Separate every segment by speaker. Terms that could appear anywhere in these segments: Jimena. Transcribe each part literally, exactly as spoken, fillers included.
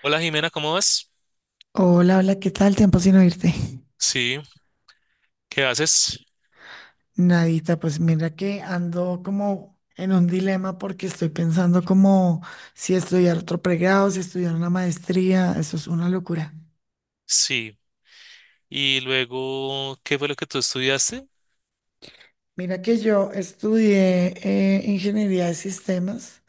Speaker 1: Hola Jimena, ¿cómo vas?
Speaker 2: Hola, hola, ¿qué tal? Tiempo sin oírte.
Speaker 1: Sí, ¿qué haces?
Speaker 2: Nadita, pues mira que ando como en un dilema porque estoy pensando como si estudiar otro pregrado, si estudiar una maestría, eso es una locura.
Speaker 1: Sí. Y luego, ¿qué fue lo que tú estudiaste?
Speaker 2: Mira que yo estudié eh, ingeniería de sistemas,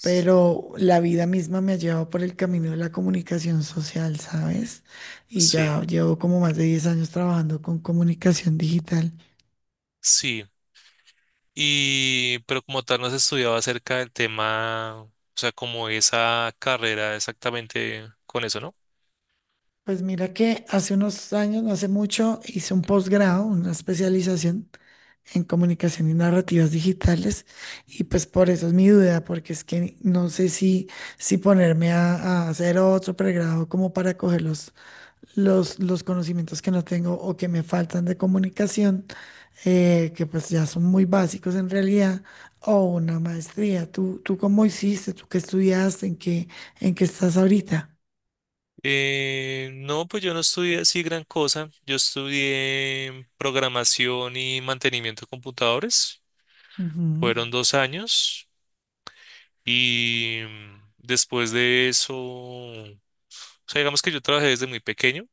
Speaker 1: S-
Speaker 2: pero la vida misma me ha llevado por el camino de la comunicación social, ¿sabes? Y
Speaker 1: Sí,
Speaker 2: ya llevo como más de diez años trabajando con comunicación digital.
Speaker 1: sí. Y, pero como tal, no has estudiado acerca del tema, o sea, como esa carrera exactamente con eso, ¿no?
Speaker 2: Pues mira que hace unos años, no hace mucho, hice un posgrado, una especialización en comunicación y narrativas digitales y pues por eso es mi duda, porque es que no sé si, si ponerme a, a hacer otro pregrado como para coger los, los, los conocimientos que no tengo o que me faltan de comunicación, eh, que pues ya son muy básicos en realidad, o una maestría. ¿Tú, tú cómo hiciste? ¿Tú qué estudiaste? ¿En qué, en qué estás ahorita?
Speaker 1: Eh, no, pues yo no estudié así gran cosa. Yo estudié programación y mantenimiento de computadores.
Speaker 2: Ujú.
Speaker 1: Fueron dos años y mm, después de eso. O sea, digamos que yo trabajé desde muy pequeño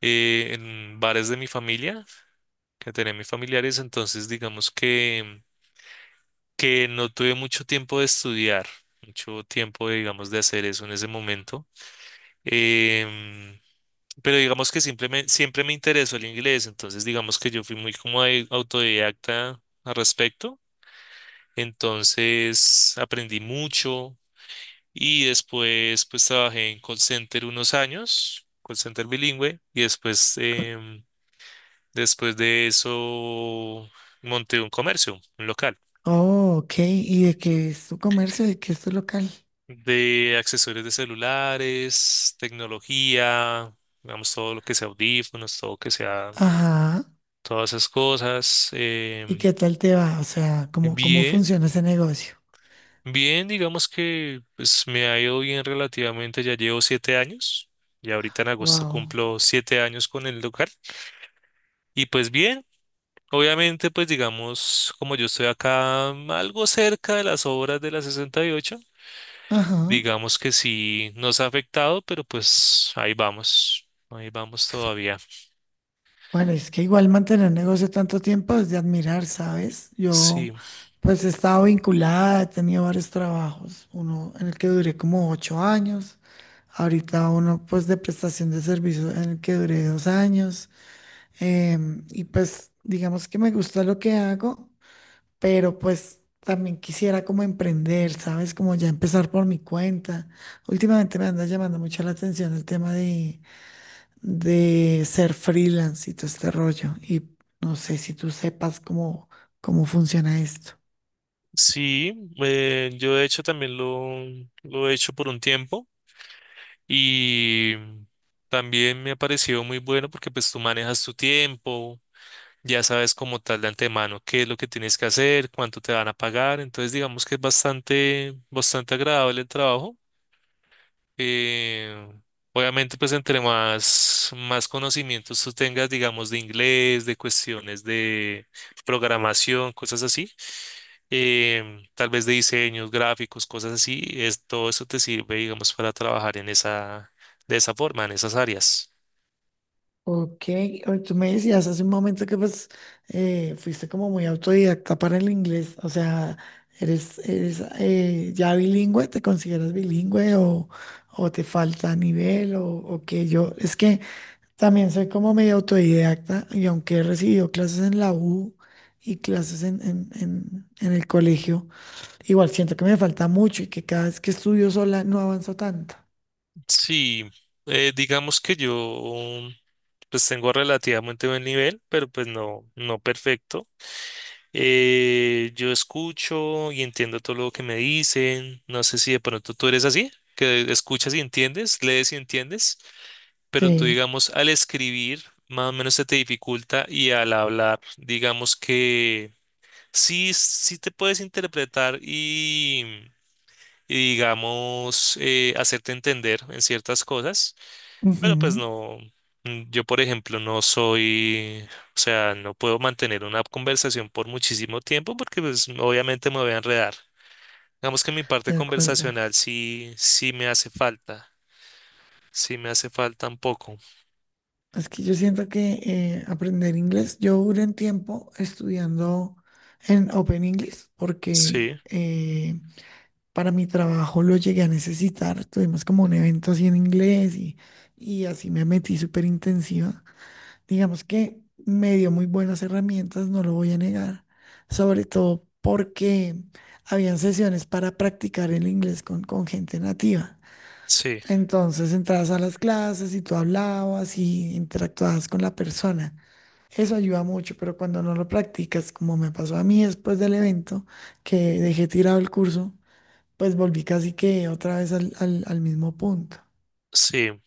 Speaker 1: eh, en bares de mi familia, que tenía mis familiares, entonces digamos que, que no tuve mucho tiempo de estudiar, mucho tiempo, digamos, de hacer eso en ese momento. Em, pero digamos que simplemente, siempre me interesó el inglés, entonces digamos que yo fui muy como au- autodidacta al respecto, entonces aprendí mucho y después pues trabajé en call center unos años, call center bilingüe, y después... em, Después de eso, monté un comercio, un local
Speaker 2: Oh, ok. ¿Y de qué es tu comercio? ¿De qué es tu local?
Speaker 1: de accesorios de celulares, tecnología, digamos, todo lo que sea audífonos, todo que sea,
Speaker 2: Ajá.
Speaker 1: todas esas cosas.
Speaker 2: ¿Y
Speaker 1: Em,
Speaker 2: qué tal te va? O sea, ¿cómo, cómo
Speaker 1: bien,
Speaker 2: funciona ese negocio?
Speaker 1: bien, digamos que pues, me ha ido bien relativamente, ya llevo siete años, y ahorita en agosto
Speaker 2: Wow.
Speaker 1: cumplo siete años con el local, y pues bien. Obviamente, pues digamos, como yo estoy acá algo cerca de las obras de la sesenta y ocho.
Speaker 2: Ajá.
Speaker 1: Digamos que sí nos ha afectado, pero pues ahí vamos, ahí vamos todavía.
Speaker 2: Bueno, es que igual mantener negocio tanto tiempo es de admirar, ¿sabes? Yo,
Speaker 1: Sí,
Speaker 2: pues, he estado vinculada, he tenido varios trabajos. Uno en el que duré como ocho años. Ahorita uno, pues, de prestación de servicios en el que duré dos años. Em, y pues, digamos que me gusta lo que hago, pero pues también quisiera como emprender, ¿sabes? Como ya empezar por mi cuenta. Últimamente me anda llamando mucho la atención el tema de, de ser freelance y todo este rollo. Y no sé si tú sepas cómo, cómo funciona esto.
Speaker 1: sí, eh, yo de hecho también lo, lo he hecho por un tiempo y también me ha parecido muy bueno porque pues tú manejas tu tiempo, ya sabes como tal de antemano qué es lo que tienes que hacer, cuánto te van a pagar, entonces digamos que es bastante, bastante agradable el trabajo. Eh, Obviamente, pues entre más, más conocimientos tú tengas, digamos, de inglés, de cuestiones de programación, cosas así, em, tal vez de diseños, gráficos, cosas así, es, todo eso te sirve, digamos, para trabajar en esa, de esa forma, en esas áreas.
Speaker 2: Ok, o- tú me decías hace un momento que pues eh, fuiste como muy autodidacta para el inglés, o sea, eres, eres eh, ya bilingüe, ¿te consideras bilingüe o, o te falta nivel o, o qué? Yo, es que también soy como medio autodidacta y aunque he recibido clases en la U y clases en, en- en- en el colegio, igual siento que me falta mucho y que cada vez que estudio sola no avanzo tanto.
Speaker 1: Sí, eh, digamos que yo, pues tengo relativamente buen nivel, pero pues no, no perfecto. Eh, yo escucho y entiendo todo lo que me dicen. No sé si de pronto tú eres así, que escuchas y entiendes, lees y entiendes, pero tú,
Speaker 2: Sí.
Speaker 1: digamos, al escribir, más o menos se te dificulta y al hablar, digamos que sí, sí te puedes interpretar y, y digamos, eh, hacerte entender en ciertas cosas, pero pues
Speaker 2: Ujú.
Speaker 1: no, mm, yo por ejemplo no soy, o sea, no puedo mantener una conversación por muchísimo tiempo porque pues obviamente me voy a enredar. Digamos que mi parte
Speaker 2: De acuerdo.
Speaker 1: conversacional sí, sí me hace falta, sí me hace falta un poco.
Speaker 2: Es que yo siento que eh, aprender inglés, yo duré un tiempo estudiando en Open English
Speaker 1: Sí,
Speaker 2: porque eh, para mi trabajo lo llegué a necesitar. Tuvimos como un evento así en inglés y, y así me metí súper intensiva. Digamos que me dio muy buenas herramientas, no lo voy a negar, sobre todo porque habían sesiones para practicar el inglés con, con gente nativa.
Speaker 1: sí,
Speaker 2: Entonces entrabas a las clases y tú hablabas y interactuabas con la persona. Eso ayuda mucho, pero cuando no lo practicas, como me pasó a mí después del evento, que dejé tirado el curso, pues volví casi que otra vez al, al al mismo punto.
Speaker 1: sí,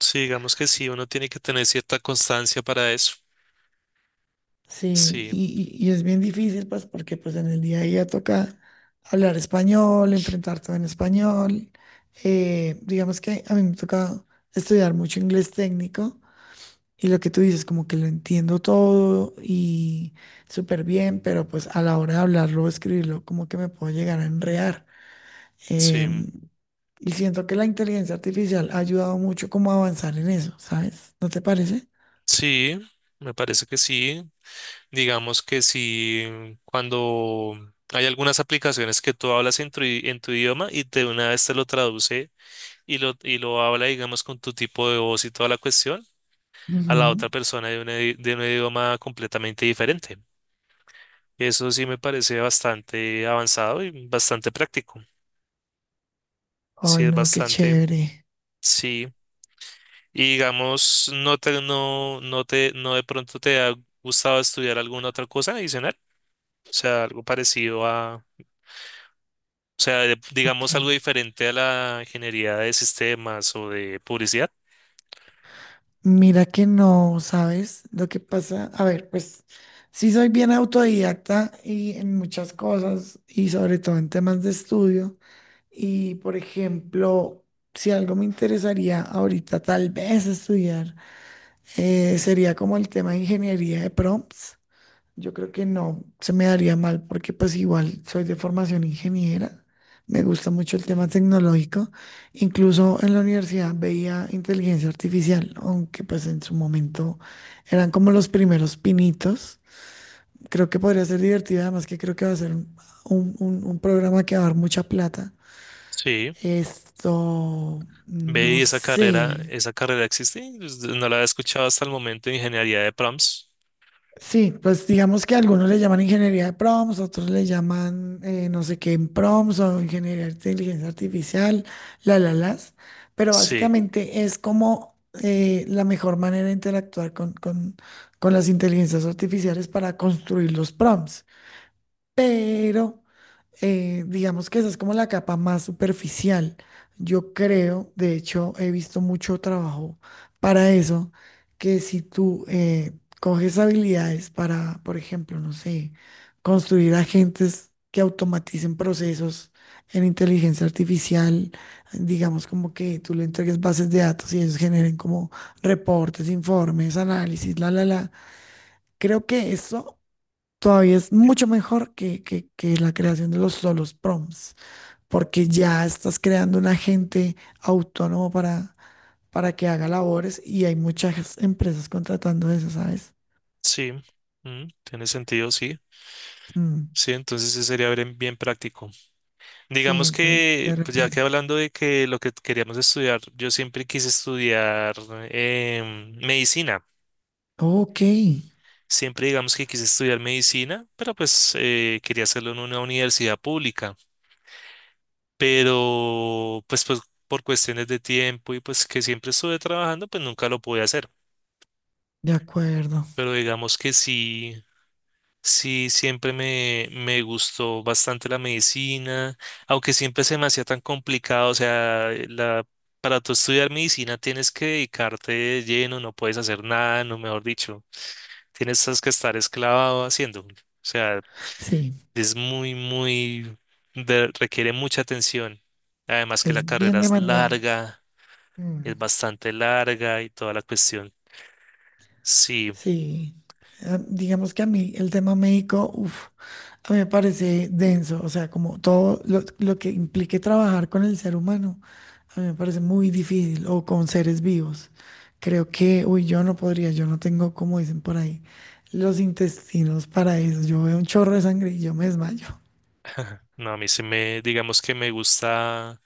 Speaker 1: sí, digamos que sí, uno tiene que tener cierta constancia para eso.
Speaker 2: Sí,
Speaker 1: Sí,
Speaker 2: y, y- y es bien difícil, pues, porque pues en el día a día toca hablar español, enfrentar todo en español. Eh, digamos que a mí me toca estudiar mucho inglés técnico y lo que tú dices, como que lo entiendo todo y súper bien, pero pues a la hora de hablarlo o escribirlo, como que me puedo llegar a enredar.
Speaker 1: sí,
Speaker 2: Em, y siento que la inteligencia artificial ha ayudado mucho como a avanzar en eso, ¿sabes? ¿No te parece?
Speaker 1: sí, me parece que sí. Digamos que si cuando hay algunas aplicaciones que tú hablas en tu, i- en tu idioma y de una vez te lo traduce y lo, y lo habla, digamos, con tu tipo de voz y toda la cuestión, a la
Speaker 2: Ujú.
Speaker 1: otra persona de un, idi- de un idioma completamente diferente. Eso sí me parece bastante avanzado y bastante práctico.
Speaker 2: Ay,
Speaker 1: Sí, es
Speaker 2: no, qué
Speaker 1: bastante,
Speaker 2: chévere.
Speaker 1: sí. Y digamos, no te, no, no te, no de pronto te ha gustado estudiar alguna otra cosa adicional, o sea, algo parecido. O sea, de- digamos algo
Speaker 2: Ok.
Speaker 1: diferente a la ingeniería de sistemas o de publicidad.
Speaker 2: Mira que no, ¿sabes? Lo que pasa, a ver, pues sí soy bien autodidacta y en muchas cosas y sobre todo en temas de estudio. Y por ejemplo, si algo me interesaría ahorita tal vez estudiar, eh, sería como el tema de ingeniería de prompts. Yo creo que no, se me daría mal porque pues igual soy de formación ingeniera, me gusta mucho el tema tecnológico, incluso en la universidad veía inteligencia artificial, aunque pues en su momento eran como los primeros pinitos. Creo que podría ser divertido, además que creo que va a ser un, un- un- un programa que va a dar mucha plata.
Speaker 1: Sí,
Speaker 2: Esto,
Speaker 1: ve y
Speaker 2: no
Speaker 1: esa carrera,
Speaker 2: sé.
Speaker 1: esa carrera existe, pues, no la había escuchado hasta el momento, ingeniería de prompts.
Speaker 2: Sí, pues digamos que algunos le llaman ingeniería de prompts, otros le llaman eh, no sé qué en prompts o ingeniería de inteligencia artificial, la, la, las. Pero
Speaker 1: Sí,
Speaker 2: básicamente es como eh, la mejor manera de interactuar con, con, con las inteligencias artificiales para construir los prompts. Pero eh, digamos que esa es como la capa más superficial. Yo creo, de hecho, he visto mucho trabajo para eso, que si tú eh, coges habilidades para, por ejemplo, no sé, construir agentes que automaticen procesos en inteligencia artificial, digamos como que tú le entregues bases de datos y ellos generen como reportes, informes, análisis, la, la, la. Creo que eso todavía es mucho mejor que, que, que la creación de los solos prompts, porque ya estás creando un agente autónomo para, para que haga labores y hay muchas empresas contratando eso, ¿sabes?
Speaker 1: sí, mm, tiene sentido, sí,
Speaker 2: Mm,
Speaker 1: sí, entonces sí sería bien, bien práctico.
Speaker 2: sí,
Speaker 1: Digamos
Speaker 2: entonces
Speaker 1: que,
Speaker 2: de
Speaker 1: pues ya que
Speaker 2: repente.
Speaker 1: hablando de que lo que queríamos estudiar, yo siempre quise estudiar em, medicina,
Speaker 2: Ok,
Speaker 1: siempre digamos que quise estudiar medicina, pero pues eh, quería hacerlo en una universidad pública. pero pues, pues por cuestiones de tiempo y pues que siempre estuve trabajando, pues nunca lo pude hacer.
Speaker 2: de acuerdo.
Speaker 1: Pero digamos que sí, sí, siempre me, me gustó bastante la medicina, aunque siempre se me hacía tan complicado, o sea, la... Para tú estudiar medicina tienes que dedicarte de lleno, no puedes hacer nada, no mejor dicho, tienes que estar esclavado haciendo. O sea,
Speaker 2: Sí,
Speaker 1: es muy, muy, de- requiere mucha atención. Además que la
Speaker 2: es
Speaker 1: carrera
Speaker 2: bien
Speaker 1: es
Speaker 2: demandante.
Speaker 1: larga,
Speaker 2: Mm.
Speaker 1: es bastante larga y toda la cuestión. Sí,
Speaker 2: Sí, ah, digamos que a mí el tema médico, uf, a mí me parece denso, o sea, como todo lo, lo que implique trabajar con el ser humano, a mí me parece muy difícil, o con seres vivos. Creo que, uy, yo no podría, yo no tengo, como dicen por ahí, los intestinos para eso. Yo veo un chorro de sangre y yo me desmayo.
Speaker 1: no, a mí sí me, digamos que me gusta,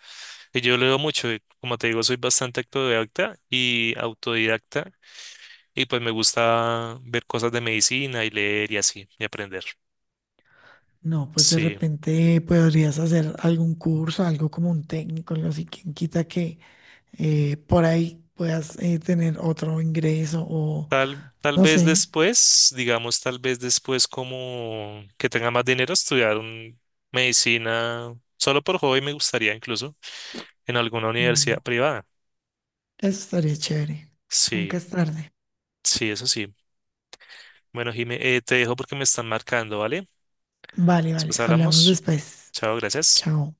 Speaker 1: que yo leo mucho, eh, como te digo, soy bastante autodidacta y autodidacta y pues me gusta ver cosas de medicina y leer y así, y aprender.
Speaker 2: No, pues de
Speaker 1: Sí,
Speaker 2: repente podrías hacer algún curso, algo como un técnico, algo así, quien quita que eh, por ahí puedas eh, tener otro ingreso.
Speaker 1: tal, tal
Speaker 2: No
Speaker 1: vez
Speaker 2: sé.
Speaker 1: después, digamos, tal vez después como que tenga más dinero estudiar un- medicina, solo por hobby me gustaría incluso en alguna
Speaker 2: Mm.
Speaker 1: universidad privada.
Speaker 2: Eso estaría chévere.
Speaker 1: Sí,
Speaker 2: Nunca es tarde.
Speaker 1: sí, eso sí. Bueno, Jime, eh, te dejo porque me están marcando, ¿vale?
Speaker 2: Vale, vale.
Speaker 1: Después
Speaker 2: Hablamos
Speaker 1: hablamos.
Speaker 2: después.
Speaker 1: Chao, gracias.
Speaker 2: Chao.